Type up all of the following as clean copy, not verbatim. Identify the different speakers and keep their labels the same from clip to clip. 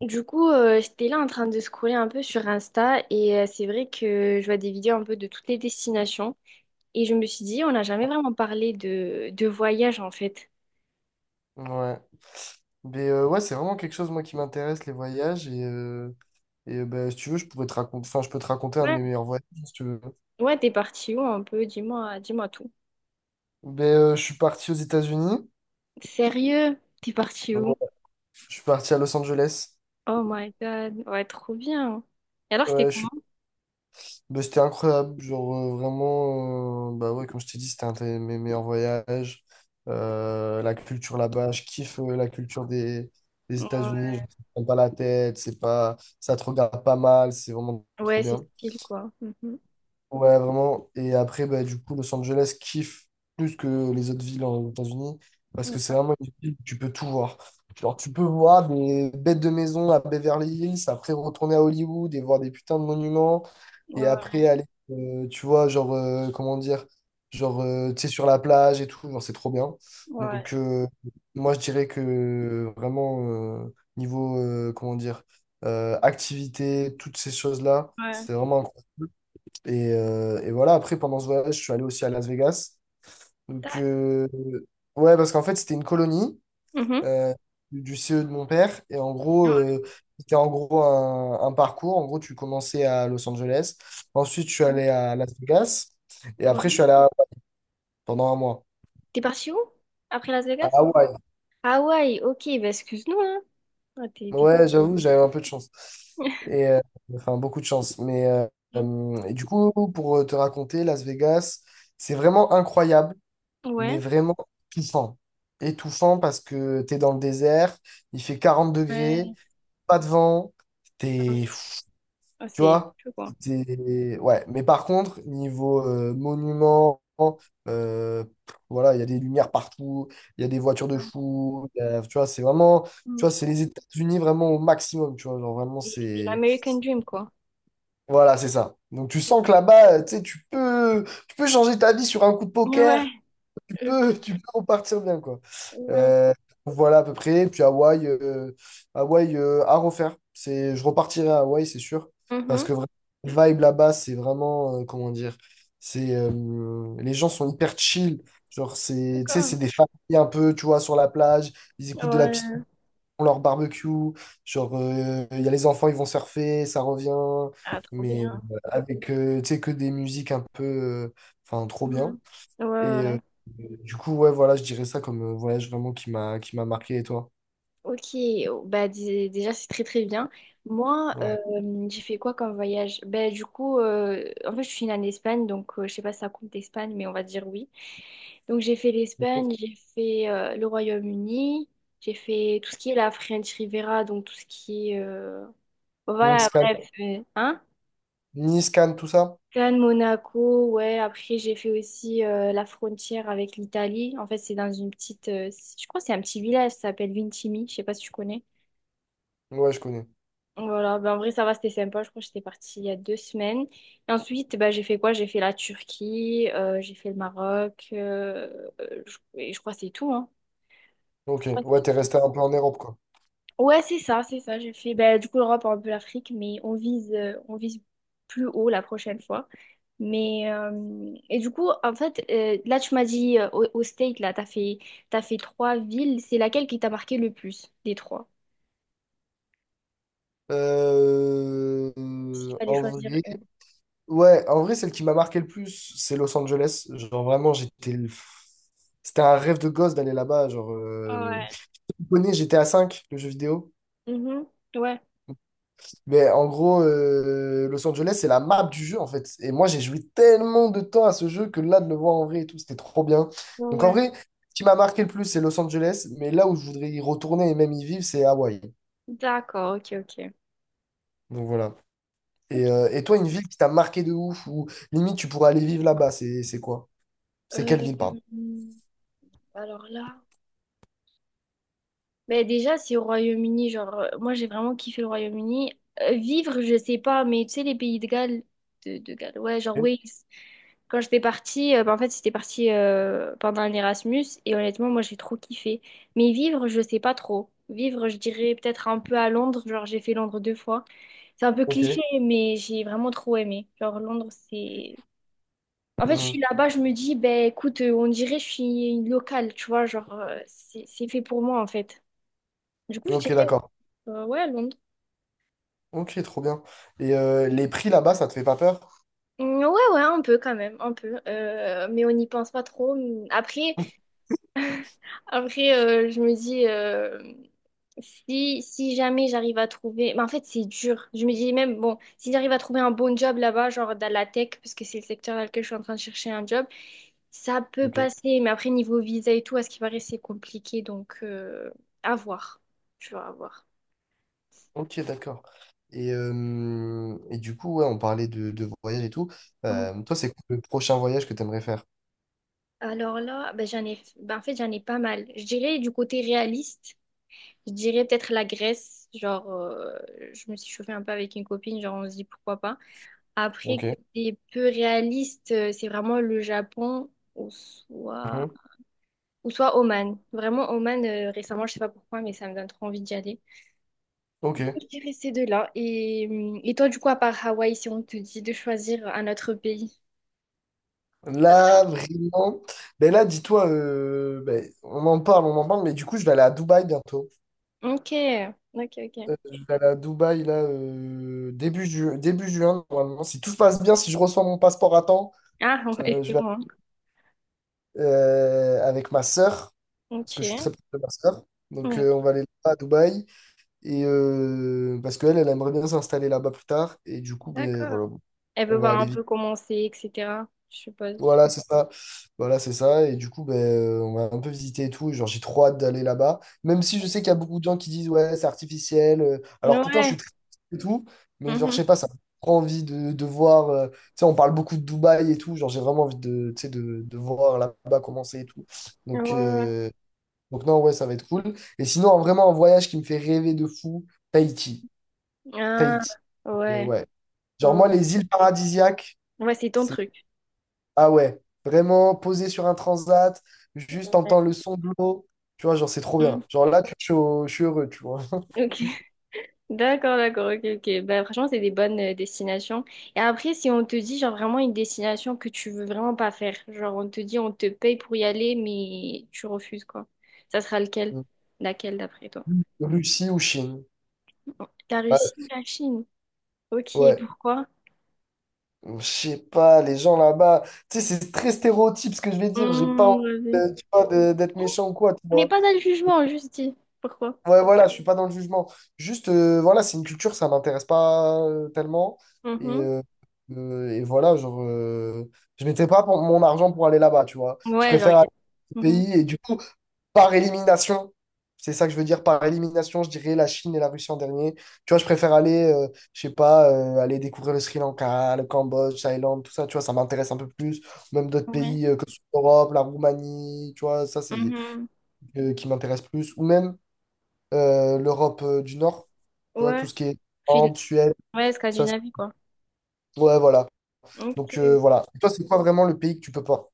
Speaker 1: Du coup, j'étais là en train de scroller un peu sur Insta et c'est vrai que je vois des vidéos un peu de toutes les destinations et je me suis dit, on n'a jamais vraiment parlé de voyage en fait.
Speaker 2: Ouais. Mais ouais, c'est vraiment quelque chose, moi, qui m'intéresse, les voyages. Et bah, si tu veux, je pourrais te raconter, enfin, je peux te raconter un de
Speaker 1: Ouais.
Speaker 2: mes meilleurs voyages, si tu veux.
Speaker 1: Ouais, t'es parti où un peu? Dis-moi, dis-moi tout.
Speaker 2: Mais je suis parti aux États-Unis.
Speaker 1: Sérieux? T'es parti où?
Speaker 2: Ouais. Je suis parti à Los Angeles.
Speaker 1: Oh my god, ouais, trop bien. Et alors, c'était
Speaker 2: Ouais, je suis...
Speaker 1: comment?
Speaker 2: Bah, c'était incroyable. Genre, vraiment, bah ouais, comme je t'ai dit, c'était un de mes meilleurs voyages. La culture là-bas, je kiffe la culture des
Speaker 1: Ouais,
Speaker 2: États-Unis. Je ne prends pas la tête, c'est pas, ça te regarde pas mal, c'est vraiment trop
Speaker 1: ouais, c'est
Speaker 2: bien.
Speaker 1: style quoi. Mhm.
Speaker 2: Ouais, vraiment. Et après, bah, du coup, Los Angeles kiffe plus que les autres villes aux États-Unis parce que c'est
Speaker 1: Ouais,
Speaker 2: vraiment une ville où tu peux tout voir. Genre, tu peux voir des bêtes de maison à Beverly Hills, après retourner à Hollywood et voir des putains de monuments, et
Speaker 1: ouais,
Speaker 2: après aller, tu vois, genre, comment dire, genre, tu sais, sur la plage et tout, genre, c'est trop bien.
Speaker 1: ouais,
Speaker 2: Donc, moi, je dirais que vraiment, niveau, comment dire, activité, toutes ces choses-là,
Speaker 1: ouais.
Speaker 2: c'est vraiment incroyable. Et voilà, après, pendant ce voyage, je suis allé aussi à Las Vegas. Donc,
Speaker 1: Tac.
Speaker 2: ouais, parce qu'en fait, c'était une colonie
Speaker 1: Mhm.
Speaker 2: euh, du CE de mon père. Et en gros, c'était en gros un parcours. En gros, tu commençais à Los Angeles. Ensuite, je suis
Speaker 1: Ouais.
Speaker 2: allé à Las Vegas. Et après, je suis
Speaker 1: Ouais.
Speaker 2: allé à- pendant un mois.
Speaker 1: T'es parti où? Après Las
Speaker 2: À
Speaker 1: Vegas?
Speaker 2: Hawaï.
Speaker 1: Hawaï, ok, bah excuse-nous, hein. Ah, t'es,
Speaker 2: Ouais, j'avoue, j'avais un peu de chance. Et, euh, enfin, beaucoup de chance. Mais euh, euh, et du coup, pour te raconter, Las Vegas, c'est vraiment incroyable. Mais
Speaker 1: Ouais.
Speaker 2: vraiment étouffant. Étouffant parce que t'es dans le désert, il fait 40 degrés,
Speaker 1: Ouais,
Speaker 2: pas de vent,
Speaker 1: Ah
Speaker 2: t'es...
Speaker 1: oui. Ah,
Speaker 2: tu
Speaker 1: c'est
Speaker 2: vois?
Speaker 1: fou, quoi.
Speaker 2: Ouais, mais par contre, niveau monument, voilà, il y a des lumières partout, il y a des voitures de
Speaker 1: Ouais.
Speaker 2: fou, tu vois, c'est vraiment. Tu
Speaker 1: Mm.
Speaker 2: vois, c'est les États-Unis vraiment au maximum, tu vois, genre vraiment,
Speaker 1: C'est
Speaker 2: c'est.
Speaker 1: l'American Dream, quoi.
Speaker 2: Voilà, c'est ça. Donc tu sens que là-bas, tu sais, tu peux changer ta vie sur un coup de
Speaker 1: Ouais,
Speaker 2: poker, tu
Speaker 1: ok,
Speaker 2: peux, tu peux repartir bien, quoi.
Speaker 1: ouais,
Speaker 2: Euh, voilà à peu près. Puis Hawaï, à refaire. Je repartirai à Hawaï, c'est sûr. Parce que
Speaker 1: Mhm.
Speaker 2: vraiment, le vibe là-bas, c'est vraiment, comment dire, c'est, les gens sont hyper chill. Genre, c'est, tu sais, c'est
Speaker 1: D'accord.
Speaker 2: des familles un peu, tu vois, sur la plage. Ils écoutent de la petite,
Speaker 1: Ouais,
Speaker 2: ils font leur barbecue. Genre, il y a les enfants, ils vont surfer, ça revient.
Speaker 1: Ah, trop
Speaker 2: Mais
Speaker 1: bien.
Speaker 2: euh, avec, tu sais, que des musiques un peu, enfin, trop bien.
Speaker 1: Mhm. Ouais, ouais,
Speaker 2: Et
Speaker 1: ouais.
Speaker 2: du coup, ouais, voilà, je dirais ça comme voyage vraiment qui m'a marqué. Et toi?
Speaker 1: Ok, oh, bah déjà c'est très très bien. Moi,
Speaker 2: Ouais.
Speaker 1: j'ai fait quoi comme voyage? Bah du coup, en fait je suis née en Espagne, donc je sais pas si ça compte l'Espagne, mais on va dire oui. Donc j'ai fait l'Espagne, j'ai fait le Royaume-Uni, j'ai fait tout ce qui est la French Riviera, donc tout ce qui est... bon,
Speaker 2: Nice,
Speaker 1: voilà,
Speaker 2: Cannes,
Speaker 1: bref. Hein?
Speaker 2: Nice, Cannes, tout ça?
Speaker 1: Cannes, Monaco, ouais. Après j'ai fait aussi la frontière avec l'Italie. En fait c'est dans une petite... je crois que c'est un petit village, ça s'appelle Vintimille, je sais pas si tu connais.
Speaker 2: Ouais, je connais.
Speaker 1: Voilà, ben en vrai ça va, c'était sympa. Je crois que j'étais partie il y a deux semaines. Et ensuite, ben, j'ai fait quoi? J'ai fait la Turquie, j'ai fait le Maroc, et je crois que c'est tout, hein.
Speaker 2: Ok, ouais, t'es resté un peu en Europe, quoi.
Speaker 1: Ouais, c'est ça, c'est ça. J'ai fait bah, du coup l'Europe, un peu l'Afrique, mais on vise plus haut la prochaine fois. Mais et du coup, en fait, là tu m'as dit au State, là, t'as fait trois villes. C'est laquelle qui t'a marqué le plus des trois?
Speaker 2: Euh,
Speaker 1: S'il fallait
Speaker 2: En
Speaker 1: choisir
Speaker 2: vrai,
Speaker 1: une.
Speaker 2: ouais, en vrai, celle qui m'a marqué le plus, c'est Los Angeles. Genre, vraiment, c'était un rêve de gosse d'aller là-bas. Genre,
Speaker 1: Ouais.
Speaker 2: je connais, j'étais à 5 le jeu vidéo.
Speaker 1: Mhm. Ouais,
Speaker 2: Mais en gros, Los Angeles, c'est la map du jeu, en fait. Et moi, j'ai joué tellement de temps à ce jeu que là, de le voir en vrai et tout, c'était trop bien.
Speaker 1: ouais,
Speaker 2: Donc, en
Speaker 1: ouais.
Speaker 2: vrai, ce qui m'a marqué le plus, c'est Los Angeles. Mais là où je voudrais y retourner et même y vivre, c'est Hawaï.
Speaker 1: D'accord, ok, ok.
Speaker 2: Donc, voilà. Et,
Speaker 1: Ok.
Speaker 2: euh, et toi, une ville qui t'a marqué de ouf, ou limite, tu pourrais aller vivre là-bas, c'est quoi? C'est
Speaker 1: Euh,
Speaker 2: quelle ville, pardon?
Speaker 1: alors là. Ben déjà, c'est au Royaume-Uni. Genre, moi, j'ai vraiment kiffé le Royaume-Uni. Vivre, je sais pas, mais tu sais, les pays de Galles, de Galles, ouais, genre
Speaker 2: Ok.
Speaker 1: Wales. Quand j'étais partie, ben en fait, c'était parti pendant un Erasmus et honnêtement, moi, j'ai trop kiffé. Mais vivre, je sais pas trop. Vivre, je dirais peut-être un peu à Londres. Genre, j'ai fait Londres deux fois. C'est un peu
Speaker 2: Ok.
Speaker 1: cliché, mais j'ai vraiment trop aimé. Genre, Londres, c'est. En fait, je suis
Speaker 2: Mhm.
Speaker 1: là-bas, je me dis, ben écoute, on dirait que je suis une locale, tu vois, genre, c'est fait pour moi, en fait. Du coup, je
Speaker 2: Ok,
Speaker 1: dirais
Speaker 2: d'accord.
Speaker 1: ouais, à Londres.
Speaker 2: Ok, trop bien. Et les prix là-bas, ça te fait pas peur?
Speaker 1: Mm, ouais, ouais, un peu quand même, un peu. Mais on n'y pense pas trop. Mm, après, je me dis, si, si jamais j'arrive à trouver... Mais en fait, c'est dur. Je me dis même, bon, si j'arrive à trouver un bon job là-bas, genre dans la tech, parce que c'est le secteur dans lequel je suis en train de chercher un job, ça peut
Speaker 2: Ok.
Speaker 1: passer. Mais après, niveau visa et tout, à ce qui paraît, c'est compliqué. Donc, à voir. Tu vas voir.
Speaker 2: Ok, d'accord. Et du coup, ouais, on parlait de voyage et tout.
Speaker 1: Mm.
Speaker 2: Toi, c'est quoi le prochain voyage que tu aimerais faire?
Speaker 1: Alors là, ben, j'en ai, ben, en fait, j'en ai pas mal. Je dirais du côté réaliste. Je dirais peut-être la Grèce, genre je me suis chauffée un peu avec une copine, genre on se dit pourquoi pas. Après,
Speaker 2: Ok.
Speaker 1: côté peu réaliste, c'est vraiment le Japon
Speaker 2: Mhm.
Speaker 1: ou soit Oman. Vraiment Oman, récemment, je sais pas pourquoi, mais ça me donne trop envie d'y aller.
Speaker 2: Ok.
Speaker 1: Je dirais ces deux-là. Et toi, du coup, à part Hawaï, si on te dit de choisir un autre pays?
Speaker 2: Là, vraiment. Ben là, dis-toi, ben, on en parle, mais du coup, je vais aller à Dubaï bientôt.
Speaker 1: Ok, ok, ok.
Speaker 2: Je vais aller à Dubaï, là, début juin, normalement. Si tout se passe bien, si je reçois mon passeport à temps,
Speaker 1: Ah, ouais,
Speaker 2: je vais
Speaker 1: bon. Hein.
Speaker 2: avec ma sœur, parce
Speaker 1: Ok,
Speaker 2: que je suis très proche de ma sœur. Donc,
Speaker 1: ok,
Speaker 2: on va aller là à Dubaï. Et parce qu'elle, elle aimerait bien s'installer là-bas plus tard. Et du coup, ben,
Speaker 1: d'accord.
Speaker 2: voilà,
Speaker 1: Elle veut
Speaker 2: on va
Speaker 1: voir
Speaker 2: aller
Speaker 1: un peu
Speaker 2: vite.
Speaker 1: comment c'est, etc., je suppose.
Speaker 2: Voilà, c'est ça. Voilà, c'est ça. Et du coup, ben, on va un peu visiter et tout. Et genre, j'ai trop hâte d'aller là-bas. Même si je sais qu'il y a beaucoup de gens qui disent, ouais, c'est artificiel. Alors pourtant, je suis
Speaker 1: Ouais,
Speaker 2: très et tout. Mais genre, je
Speaker 1: Mhm.
Speaker 2: sais pas, ça me prend envie de voir. Tu sais, on parle beaucoup de Dubaï et tout. Genre, j'ai vraiment envie de, tu sais, de voir là-bas commencer et tout.
Speaker 1: Ouais,
Speaker 2: Donc,
Speaker 1: ouais.
Speaker 2: euh, donc non, ouais, ça va être cool. Et sinon, vraiment, un voyage qui me fait rêver de fou, Tahiti.
Speaker 1: Ah,
Speaker 2: Tahiti. Mais
Speaker 1: ouais,
Speaker 2: ouais. Genre, moi,
Speaker 1: ouais.
Speaker 2: les îles paradisiaques,
Speaker 1: Ouais, c'est ton
Speaker 2: c'est.
Speaker 1: truc.
Speaker 2: Ah ouais, vraiment posé sur un transat, juste entendre le
Speaker 1: Ouais.
Speaker 2: son de l'eau. Tu vois, genre, c'est trop bien.
Speaker 1: Mhm.
Speaker 2: Genre, là, je suis heureux, tu vois.
Speaker 1: Ok, d'accord, d'accord, ok, ok. Bah, franchement, c'est des bonnes destinations. Et après, si on te dit, genre, vraiment une destination que tu veux vraiment pas faire, genre, on te dit, on te paye pour y aller, mais tu refuses, quoi. Ça sera lequel? Laquelle, d'après toi?
Speaker 2: Russie ou Chine.
Speaker 1: La
Speaker 2: Ouais.
Speaker 1: Russie ou la Chine? Ok,
Speaker 2: Ouais.
Speaker 1: pourquoi?
Speaker 2: Je sais pas, les gens là-bas. Tu sais, c'est très stéréotype ce que je vais dire. J'ai pas envie
Speaker 1: Vas-y.
Speaker 2: tu vois, d'être
Speaker 1: On
Speaker 2: méchant ou quoi, tu
Speaker 1: n'est
Speaker 2: vois.
Speaker 1: pas dans le jugement, juste dit. Pourquoi?
Speaker 2: Ouais, voilà, je suis pas dans le jugement. Juste, voilà, c'est une culture, ça m'intéresse pas tellement. Et,
Speaker 1: Mhm.
Speaker 2: euh, et voilà, genre, je mettais pas mon argent pour aller là-bas, tu vois. Je
Speaker 1: Ouais, genre,
Speaker 2: préfère aller au
Speaker 1: Mhm.
Speaker 2: pays et du coup, par élimination, c'est ça que je veux dire, par élimination, je dirais la Chine et la Russie en dernier. Tu vois, je préfère aller, je sais pas, aller découvrir le Sri Lanka, le Cambodge, Thaïlande, tout ça, tu vois, ça m'intéresse un peu plus. Même d'autres
Speaker 1: Ouais.
Speaker 2: pays que ce soit l'Europe, la Roumanie, tu vois, ça, c'est
Speaker 1: Mhm.
Speaker 2: qui m'intéresse plus. Ou même l'Europe du Nord. Tu vois,
Speaker 1: Ouais,
Speaker 2: tout ce qui est
Speaker 1: Fin-
Speaker 2: Finlande, Suède,
Speaker 1: ouais,
Speaker 2: ça, c'est-
Speaker 1: Scandinavie, quoi.
Speaker 2: ouais, voilà.
Speaker 1: Ok.
Speaker 2: Donc, voilà. Et toi, c'est quoi vraiment le pays que tu peux pas?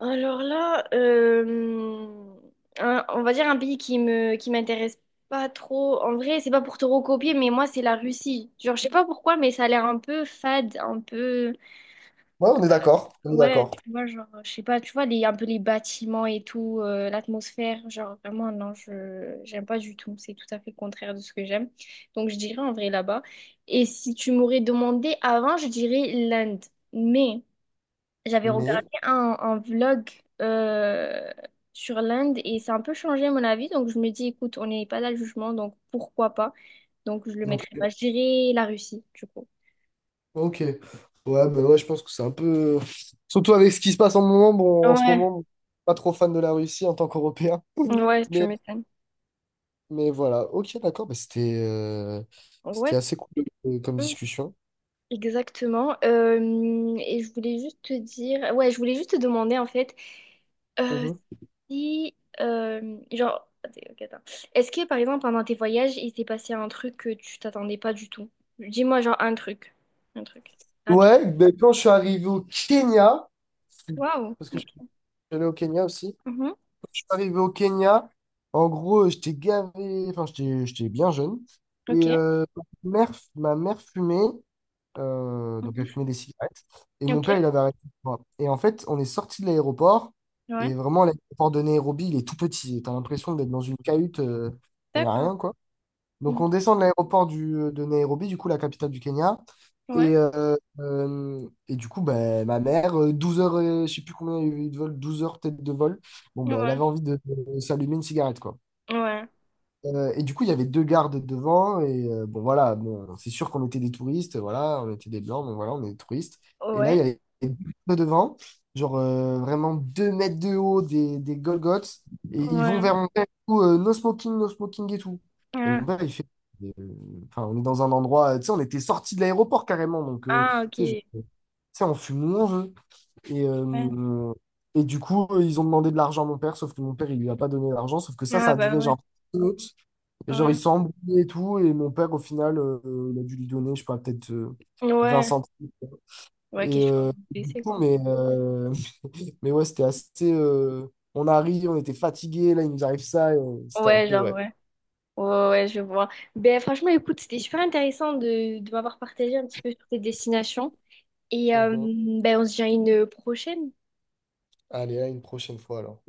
Speaker 1: Alors là, on va dire un pays qui m'intéresse pas trop. En vrai, c'est pas pour te recopier, mais moi, c'est la Russie. Genre, je sais pas pourquoi, mais ça a l'air un peu fade, un peu...
Speaker 2: Ouais, on est d'accord, on est
Speaker 1: Ouais,
Speaker 2: d'accord.
Speaker 1: tu vois, genre, je sais pas, tu vois, les, un peu les bâtiments et tout, l'atmosphère, genre, vraiment, non, je j'aime pas du tout. C'est tout à fait le contraire de ce que j'aime. Donc, je dirais en vrai là-bas. Et si tu m'aurais demandé avant, je dirais l'Inde. Mais... J'avais
Speaker 2: Mais,
Speaker 1: regardé un vlog euh, sur l'Inde et ça a un peu changé mon avis. Donc je me dis, écoute, on n'est pas là le jugement, donc pourquoi pas? Donc je le
Speaker 2: donc,
Speaker 1: mettrai pas. Je dirais la Russie, du coup.
Speaker 2: ok. Ouais, mais ouais, je pense que c'est un peu. Surtout avec ce qui se passe en ce moment, bon, en ce
Speaker 1: Ouais,
Speaker 2: moment, pas trop fan de la Russie en tant qu'Européen.
Speaker 1: ouais, tu
Speaker 2: Mais,
Speaker 1: m'étonnes.
Speaker 2: mais voilà, ok, d'accord, bah, c'était
Speaker 1: Ouais.
Speaker 2: assez cool comme discussion.
Speaker 1: Exactement. Et je voulais juste te dire, ouais, je voulais juste te demander en fait, euh,
Speaker 2: Mhm.
Speaker 1: si, genre, attends, ok, attends. Est-ce que par exemple pendant tes voyages, il s'est passé un truc que tu t'attendais pas du tout? Dis-moi genre un truc rapide.
Speaker 2: Ouais, ben, quand je suis arrivé au Kenya,
Speaker 1: Waouh.
Speaker 2: parce que je suis allé au Kenya aussi,
Speaker 1: Ok. Mhm.
Speaker 2: arrivé au Kenya, en gros, j'étais gavé, enfin, j'étais bien jeune.
Speaker 1: Ok.
Speaker 2: Et ma mère fumait, donc elle
Speaker 1: Mhm.
Speaker 2: fumait des cigarettes. Et mon
Speaker 1: Ok.
Speaker 2: père, il avait arrêté. Voilà. Et en fait, on est sorti de l'aéroport. Et
Speaker 1: Ouais.
Speaker 2: vraiment, l'aéroport de Nairobi, il est tout petit. T'as l'impression d'être dans une cahute, il n'y a
Speaker 1: D'accord.
Speaker 2: rien, quoi. Donc
Speaker 1: Mhm.
Speaker 2: on descend de l'aéroport de Nairobi, du coup la capitale du Kenya.
Speaker 1: Ouais.
Speaker 2: Et du coup, ben, ma mère, 12 heures, je sais plus combien il y a eu de vol, 12 heures peut-être de vol, bon, ben, elle avait
Speaker 1: Ouais.
Speaker 2: envie de s'allumer une cigarette, quoi.
Speaker 1: Ouais.
Speaker 2: Et du coup, il y avait deux gardes devant. Et bon, voilà, bon, c'est sûr qu'on était des touristes. Voilà, on était des blancs, mais voilà, on est des touristes. Et là, il y
Speaker 1: Ouais.
Speaker 2: avait deux gardes devant, genre vraiment 2 mètres de haut, des Golgoths. Et ils vont
Speaker 1: Ouais.
Speaker 2: vers mon père, et tout, no smoking, no smoking et tout. Et mon
Speaker 1: Ah,
Speaker 2: père, il fait. Euh, Enfin, on est dans un endroit, tu sais, on était sorti de l'aéroport carrément. Donc,
Speaker 1: Ah,
Speaker 2: tu sais,
Speaker 1: ok.
Speaker 2: tu sais, on fume où on veut. Et,
Speaker 1: Ouais.
Speaker 2: euh, et du coup, ils ont demandé de l'argent à mon père, sauf que mon père, il lui a pas donné l'argent. Sauf que ça
Speaker 1: Ah
Speaker 2: a
Speaker 1: bah
Speaker 2: duré,
Speaker 1: ouais.
Speaker 2: genre, minutes. Et genre, ils
Speaker 1: Ouais.
Speaker 2: sont embrouillés et tout. Et mon père, au final, il a dû lui donner, je sais pas, peut-être 20
Speaker 1: Ouais.
Speaker 2: centimes.
Speaker 1: Ouais,
Speaker 2: Et
Speaker 1: question
Speaker 2: euh, du
Speaker 1: blessée,
Speaker 2: coup,
Speaker 1: quoi.
Speaker 2: mais ouais, c'était assez. On arrive, on était fatigués. Là, il nous arrive ça. C'était un
Speaker 1: Ouais,
Speaker 2: peu,
Speaker 1: genre,
Speaker 2: ouais.
Speaker 1: ouais. Ouais, ouais, ouais, je vois. Ben, franchement, écoute, c'était super intéressant de m'avoir partagé un petit peu sur tes destinations. Et
Speaker 2: Mhm.
Speaker 1: ben, on se dit à une prochaine.
Speaker 2: Allez, à une prochaine fois alors.